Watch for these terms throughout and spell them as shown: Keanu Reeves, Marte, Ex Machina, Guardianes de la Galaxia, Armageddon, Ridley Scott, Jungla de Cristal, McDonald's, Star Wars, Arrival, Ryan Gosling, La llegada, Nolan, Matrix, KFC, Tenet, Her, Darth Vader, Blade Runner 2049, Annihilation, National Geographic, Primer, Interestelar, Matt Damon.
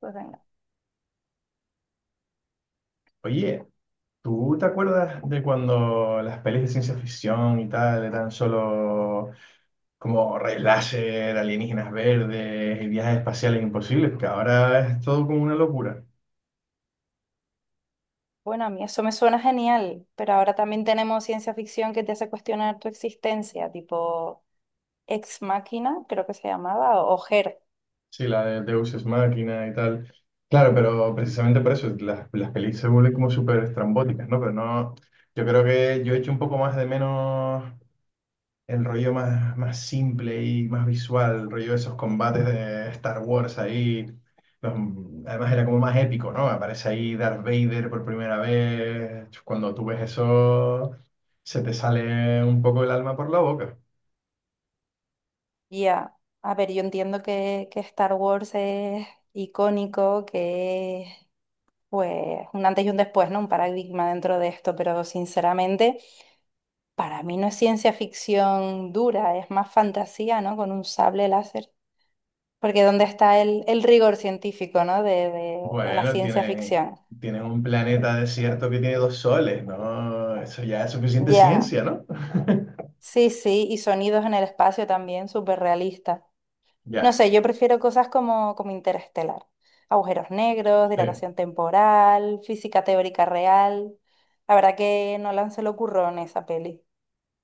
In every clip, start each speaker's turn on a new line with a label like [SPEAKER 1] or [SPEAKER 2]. [SPEAKER 1] Pues venga.
[SPEAKER 2] Oye, ¿tú te acuerdas de cuando las pelis de ciencia ficción y tal eran solo como rayos láser, alienígenas verdes y viajes espaciales imposibles? Que ahora es todo como una locura.
[SPEAKER 1] Bueno, a mí eso me suena genial, pero ahora también tenemos ciencia ficción que te hace cuestionar tu existencia, tipo Ex Machina, creo que se llamaba, o Her.
[SPEAKER 2] Sí, la de Deus Ex Machina y tal. Claro, pero precisamente por eso las pelis se vuelven como súper estrambóticas, ¿no? Pero no, yo creo que yo echo un poco más de menos el rollo más simple y más visual, el rollo de esos combates de Star Wars ahí. los- Además era como más épico, ¿no? Aparece ahí Darth Vader por primera vez. Cuando tú ves eso, se te sale un poco el alma por la boca.
[SPEAKER 1] Ya, a ver, yo entiendo que Star Wars es icónico, que es pues un antes y un después, ¿no? Un paradigma dentro de esto, pero sinceramente, para mí no es ciencia ficción dura, es más fantasía, ¿no? Con un sable láser. Porque ¿dónde está el rigor científico, ¿no? de la
[SPEAKER 2] Bueno,
[SPEAKER 1] ciencia
[SPEAKER 2] tienen,
[SPEAKER 1] ficción?
[SPEAKER 2] tienen un planeta desierto que tiene dos soles, ¿no? Eso ya es suficiente
[SPEAKER 1] Ya,
[SPEAKER 2] ciencia, ¿no?
[SPEAKER 1] sí, sí, y sonidos en el espacio también, súper realistas. No
[SPEAKER 2] Ya,
[SPEAKER 1] sé, yo prefiero cosas como Interestelar, agujeros negros,
[SPEAKER 2] sí.
[SPEAKER 1] dilatación temporal, física teórica real. La verdad que Nolan se le ocurrió en esa peli.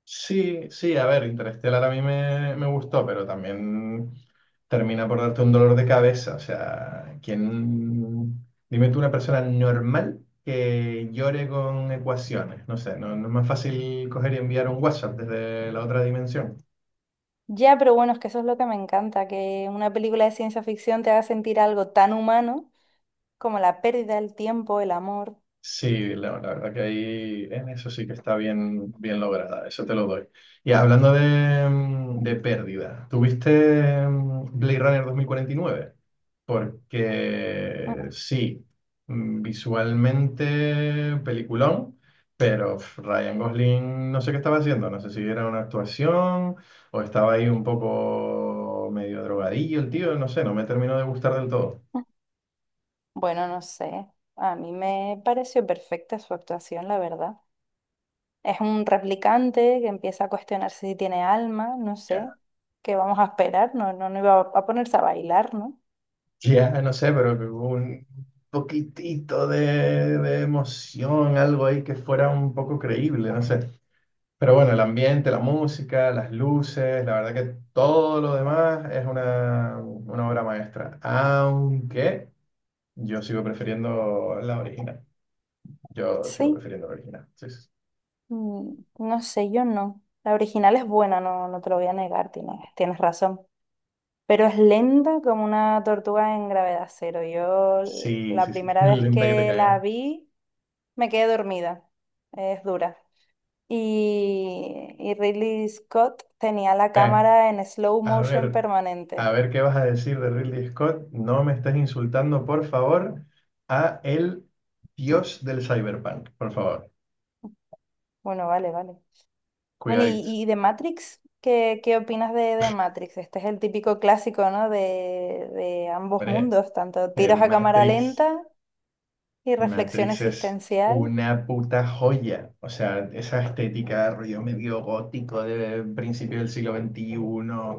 [SPEAKER 2] Sí, sí, a ver, Interestelar a mí me gustó, pero también termina por darte un dolor de cabeza. O sea, ¿quién? Dime tú una persona normal que llore con ecuaciones. No sé, no, no es más fácil coger y enviar un WhatsApp desde la otra dimensión.
[SPEAKER 1] Ya, pero bueno, es que eso es lo que me encanta, que una película de ciencia ficción te haga sentir algo tan humano como la pérdida del tiempo, el amor.
[SPEAKER 2] Sí, la verdad que ahí en eso sí que está bien, bien lograda, eso te lo doy. Y hablando de, de pérdida, ¿tuviste Blade Runner 2049?
[SPEAKER 1] Mm,
[SPEAKER 2] Porque
[SPEAKER 1] mm.
[SPEAKER 2] sí, visualmente peliculón, pero pf, Ryan Gosling no sé qué estaba haciendo, no sé si era una actuación o estaba ahí un poco medio drogadillo el tío, no sé, no me terminó de gustar del todo.
[SPEAKER 1] Bueno, no sé, a mí me pareció perfecta su actuación, la verdad. Es un replicante que empieza a cuestionarse si tiene alma, no sé, qué vamos a esperar, no, no, no iba a ponerse a bailar, ¿no?
[SPEAKER 2] Ya, no sé, pero que hubo un poquitito de emoción, algo ahí que fuera un poco creíble, no sé. Pero bueno, el ambiente, la música, las luces, la verdad que todo lo demás es una obra maestra. Aunque yo sigo prefiriendo la original. Yo sigo
[SPEAKER 1] Sí,
[SPEAKER 2] prefiriendo la original. Sí,
[SPEAKER 1] mm, no sé, yo no. La original es buena, no, no te lo voy a negar, tienes, tienes razón. Pero es lenta como una tortuga en gravedad cero. Yo
[SPEAKER 2] sí,
[SPEAKER 1] la
[SPEAKER 2] sí, sí, sí.
[SPEAKER 1] primera vez
[SPEAKER 2] Lenta que te
[SPEAKER 1] que la
[SPEAKER 2] cagas.
[SPEAKER 1] vi me quedé dormida, es dura. Y Ridley Scott tenía la cámara en slow
[SPEAKER 2] A
[SPEAKER 1] motion
[SPEAKER 2] ver, a
[SPEAKER 1] permanente.
[SPEAKER 2] ver qué vas a decir de Ridley Scott. No me estés insultando, por favor, a el dios del cyberpunk, por favor.
[SPEAKER 1] Bueno, vale, vale. Bueno,
[SPEAKER 2] Cuidadito.
[SPEAKER 1] y de Matrix, ¿qué opinas de Matrix? Este es el típico clásico, ¿no? De ambos
[SPEAKER 2] Hombre,
[SPEAKER 1] mundos, tanto tiros a cámara
[SPEAKER 2] Matrix.
[SPEAKER 1] lenta y reflexión
[SPEAKER 2] Matrix es
[SPEAKER 1] existencial.
[SPEAKER 2] una puta joya. O sea, esa estética, rollo medio gótico de principio del siglo veintiuno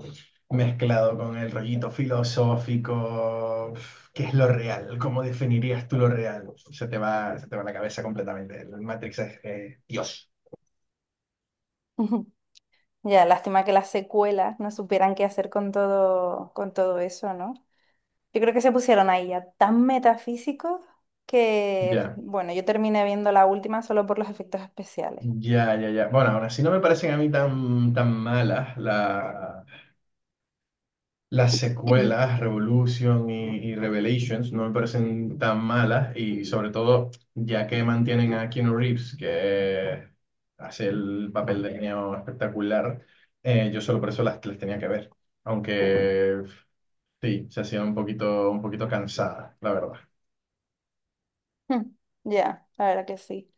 [SPEAKER 2] mezclado con el rollito filosófico. ¿Qué es lo real? ¿Cómo definirías tú lo real? Se te va la cabeza completamente. El Matrix es Dios.
[SPEAKER 1] Ya, lástima que las secuelas no supieran qué hacer con todo eso, ¿no? Yo creo que se pusieron ahí ya tan metafísicos que,
[SPEAKER 2] Ya,
[SPEAKER 1] bueno, yo terminé viendo la última solo por los efectos especiales.
[SPEAKER 2] ya, ya, ya. Bueno, aún así no me parecen a mí tan, tan malas la las secuelas, Revolution y Revelations, no me parecen tan malas y sobre todo ya que mantienen a Keanu Reeves, que hace el papel de niño espectacular, yo solo por eso las tenía que ver, aunque sí, se hacían un poquito cansadas, la verdad.
[SPEAKER 1] Hmm. Ya, la verdad que sí.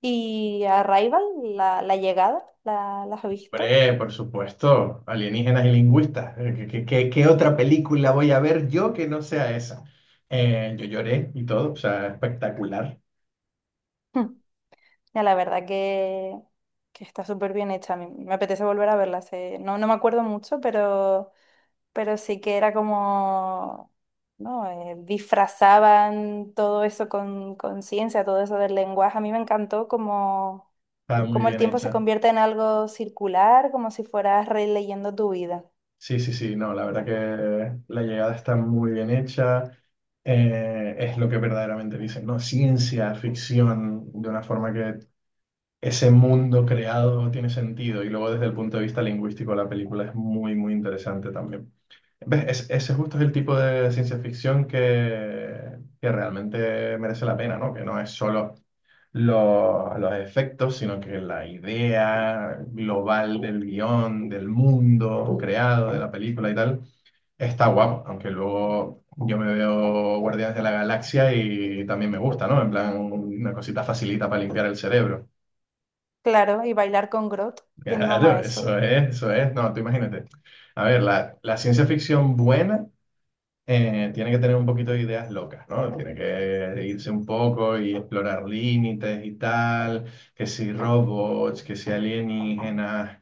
[SPEAKER 1] ¿Y Arrival, la llegada, la has visto?
[SPEAKER 2] Hombre, por supuesto, alienígenas y lingüistas. Qué otra película voy a ver yo que no sea esa? Yo lloré y todo, o sea, espectacular,
[SPEAKER 1] Hmm. Ya la verdad que está súper bien hecha. A mí me apetece volver a verla. No, no me acuerdo mucho, pero sí que era como, ¿no? Disfrazaban todo eso con ciencia, todo eso del lenguaje. A mí me encantó como,
[SPEAKER 2] está muy
[SPEAKER 1] como el
[SPEAKER 2] bien
[SPEAKER 1] tiempo se
[SPEAKER 2] hecha.
[SPEAKER 1] convierte en algo circular, como si fueras releyendo tu vida.
[SPEAKER 2] Sí, sí, sí, no, la verdad que la llegada está muy bien hecha, es lo que verdaderamente dicen, ¿no? Ciencia, ficción, de una forma que ese mundo creado tiene sentido y luego desde el punto de vista lingüístico la película es muy, muy interesante también. ¿Ves? Ese justo es el tipo de ciencia ficción que realmente merece la pena, ¿no? Que no es solo los efectos, sino que la idea global del guión, del mundo creado, de la película y tal. Está guapo, aunque luego yo me veo Guardianes de la Galaxia y también me gusta, ¿no? En plan, una cosita facilita para limpiar el cerebro.
[SPEAKER 1] Claro, y bailar con Grot, ¿quién no
[SPEAKER 2] Claro,
[SPEAKER 1] ama eso?
[SPEAKER 2] eso es, eso es. No, tú imagínate. A ver, la ciencia ficción buena tiene que tener un poquito de ideas locas, ¿no? Tiene que irse un poco y explorar límites y tal, que si robots, que si alienígenas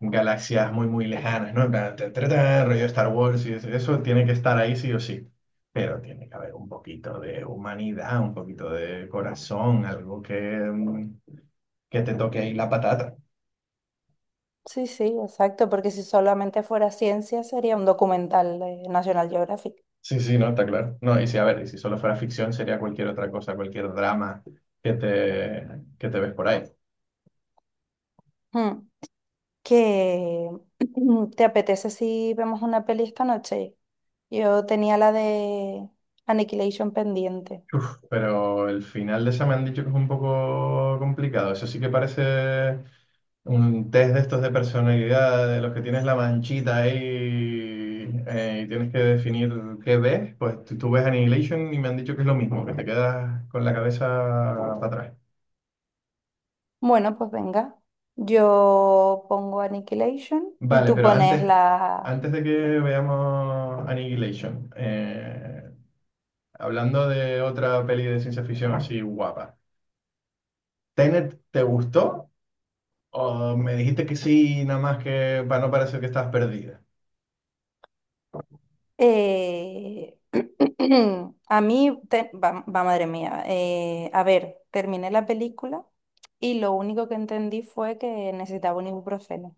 [SPEAKER 2] galaxias muy, muy lejanas, ¿no? En plan, ta, ta, ta, rollo Star Wars y eso tiene que estar ahí sí o sí. Pero tiene que haber un poquito de humanidad, un poquito de corazón, algo que que te toque ahí la patata.
[SPEAKER 1] Sí, sí, exacto, porque si solamente fuera ciencia sería un documental de National Geographic.
[SPEAKER 2] Sí, sí, no, está claro. No, y si, a ver, y si solo fuera ficción, sería cualquier otra cosa, cualquier drama que te, que te ves por ahí.
[SPEAKER 1] Hmm. Que te apetece si vemos una peli esta noche. Yo tenía la de Annihilation pendiente.
[SPEAKER 2] Pero el final de esa me han dicho que es un poco complicado. Eso sí que parece un test de estos de personalidad, de los que tienes la manchita ahí y tienes que definir qué ves. Pues tú ves Annihilation y me han dicho que es lo mismo, que te quedas con la cabeza para atrás.
[SPEAKER 1] Bueno, pues venga. Yo pongo Annihilation y
[SPEAKER 2] Vale,
[SPEAKER 1] tú
[SPEAKER 2] pero
[SPEAKER 1] pones
[SPEAKER 2] antes,
[SPEAKER 1] la...
[SPEAKER 2] antes de que veamos Annihilation, hablando de otra peli de ciencia ficción así guapa, ¿Tenet te gustó? Oh, me dijiste que sí, nada más que para no parecer que estás perdida.
[SPEAKER 1] eh, a mí, madre mía. A ver, terminé la película y lo único que entendí fue que necesitaba un ibuprofeno.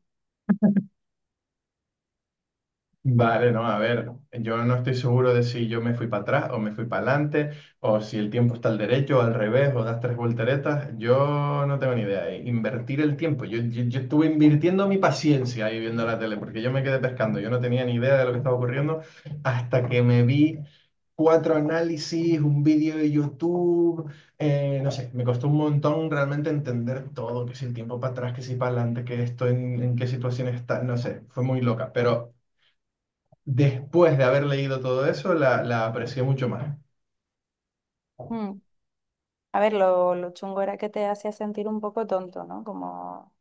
[SPEAKER 2] Vale, no, a ver, yo no estoy seguro de si yo me fui para atrás o me fui para adelante, o si el tiempo está al derecho o al revés, o das tres volteretas, yo no tengo ni idea. Invertir el tiempo, yo estuve invirtiendo mi paciencia ahí viendo la tele, porque yo me quedé pescando, yo no tenía ni idea de lo que estaba ocurriendo hasta que me vi cuatro análisis, un vídeo de YouTube, no sé, me costó un montón realmente entender todo, que si el tiempo para atrás, que si para adelante, que esto en qué situación está, no sé, fue muy loca, pero... Después de haber leído todo eso, la aprecié mucho más.
[SPEAKER 1] Mm. A ver, lo chungo era que te hacía sentir un poco tonto, ¿no? Como...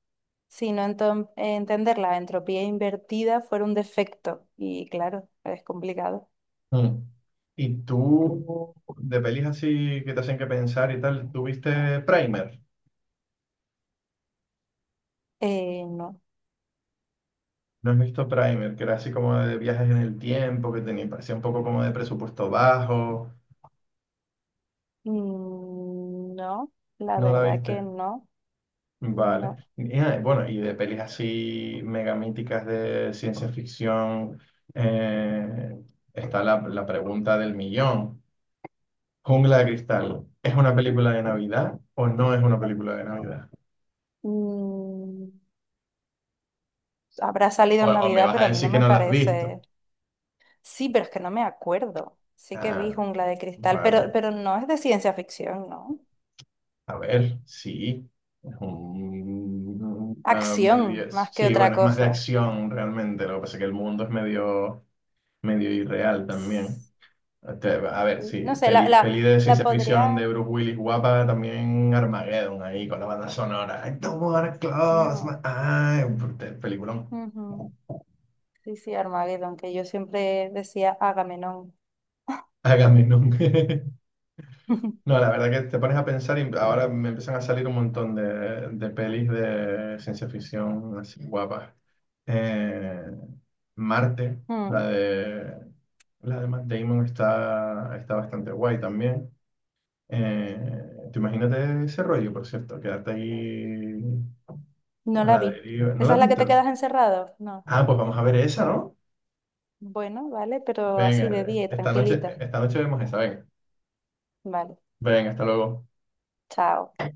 [SPEAKER 1] entender la entropía invertida fuera un defecto. Y claro, es complicado.
[SPEAKER 2] Mm. ¿Y tú, de pelis así que te hacen que pensar y tal, tuviste Primer?
[SPEAKER 1] No.
[SPEAKER 2] ¿No has visto Primer? Que era así como de viajes en el tiempo, que tenía, parecía un poco como de presupuesto bajo.
[SPEAKER 1] Mm, no, la
[SPEAKER 2] ¿No la
[SPEAKER 1] verdad que
[SPEAKER 2] viste?
[SPEAKER 1] no,
[SPEAKER 2] Vale.
[SPEAKER 1] no.
[SPEAKER 2] Y, ah, bueno, y de pelis así mega míticas de ciencia ficción, eh, está la pregunta del millón. Jungla de Cristal, ¿es una película de Navidad o no es una película de Navidad?
[SPEAKER 1] Mm, habrá salido en
[SPEAKER 2] O me
[SPEAKER 1] Navidad,
[SPEAKER 2] vas
[SPEAKER 1] pero
[SPEAKER 2] a
[SPEAKER 1] a mí no
[SPEAKER 2] decir que
[SPEAKER 1] me
[SPEAKER 2] no la has visto.
[SPEAKER 1] parece. Sí, pero es que no me acuerdo. Sí que vi
[SPEAKER 2] Ah,
[SPEAKER 1] Jungla de Cristal,
[SPEAKER 2] vale.
[SPEAKER 1] pero no es de ciencia ficción, ¿no?
[SPEAKER 2] A ver, sí. Es un, ah,
[SPEAKER 1] Acción,
[SPEAKER 2] medio,
[SPEAKER 1] más que
[SPEAKER 2] sí,
[SPEAKER 1] otra
[SPEAKER 2] bueno, es más de
[SPEAKER 1] cosa.
[SPEAKER 2] acción realmente. Lo que pasa es que el mundo es medio, medio irreal también.
[SPEAKER 1] Sí.
[SPEAKER 2] Este, a ver, sí,
[SPEAKER 1] No sé,
[SPEAKER 2] peli, peli de
[SPEAKER 1] la
[SPEAKER 2] ciencia ficción
[SPEAKER 1] podría...
[SPEAKER 2] de Bruce Willis guapa, también Armageddon ahí con la banda sonora. I don't wanna close my
[SPEAKER 1] No.
[SPEAKER 2] eyes. Peliculón.
[SPEAKER 1] Ujú. Sí, sí, Armageddon, que yo siempre decía Agamenón.
[SPEAKER 2] Hágame nunca. No, la verdad que te pones a pensar y ahora me empiezan a salir un montón de pelis de ciencia ficción así guapas. Eh, Marte,
[SPEAKER 1] Mm.
[SPEAKER 2] la de Matt Damon está bastante guay también. Eh, te imagínate ese rollo, por cierto, quedarte ahí
[SPEAKER 1] No
[SPEAKER 2] a
[SPEAKER 1] la
[SPEAKER 2] la
[SPEAKER 1] vi.
[SPEAKER 2] deriva. ¿No la
[SPEAKER 1] ¿Esa
[SPEAKER 2] has
[SPEAKER 1] es la que te
[SPEAKER 2] visto?
[SPEAKER 1] quedas encerrado? No.
[SPEAKER 2] Ah, pues vamos a ver esa, ¿no?
[SPEAKER 1] Bueno, vale, pero así de
[SPEAKER 2] Venga,
[SPEAKER 1] día, y tranquilita.
[SPEAKER 2] esta noche vemos esa, venga.
[SPEAKER 1] Vale,
[SPEAKER 2] Venga, hasta luego.
[SPEAKER 1] chao.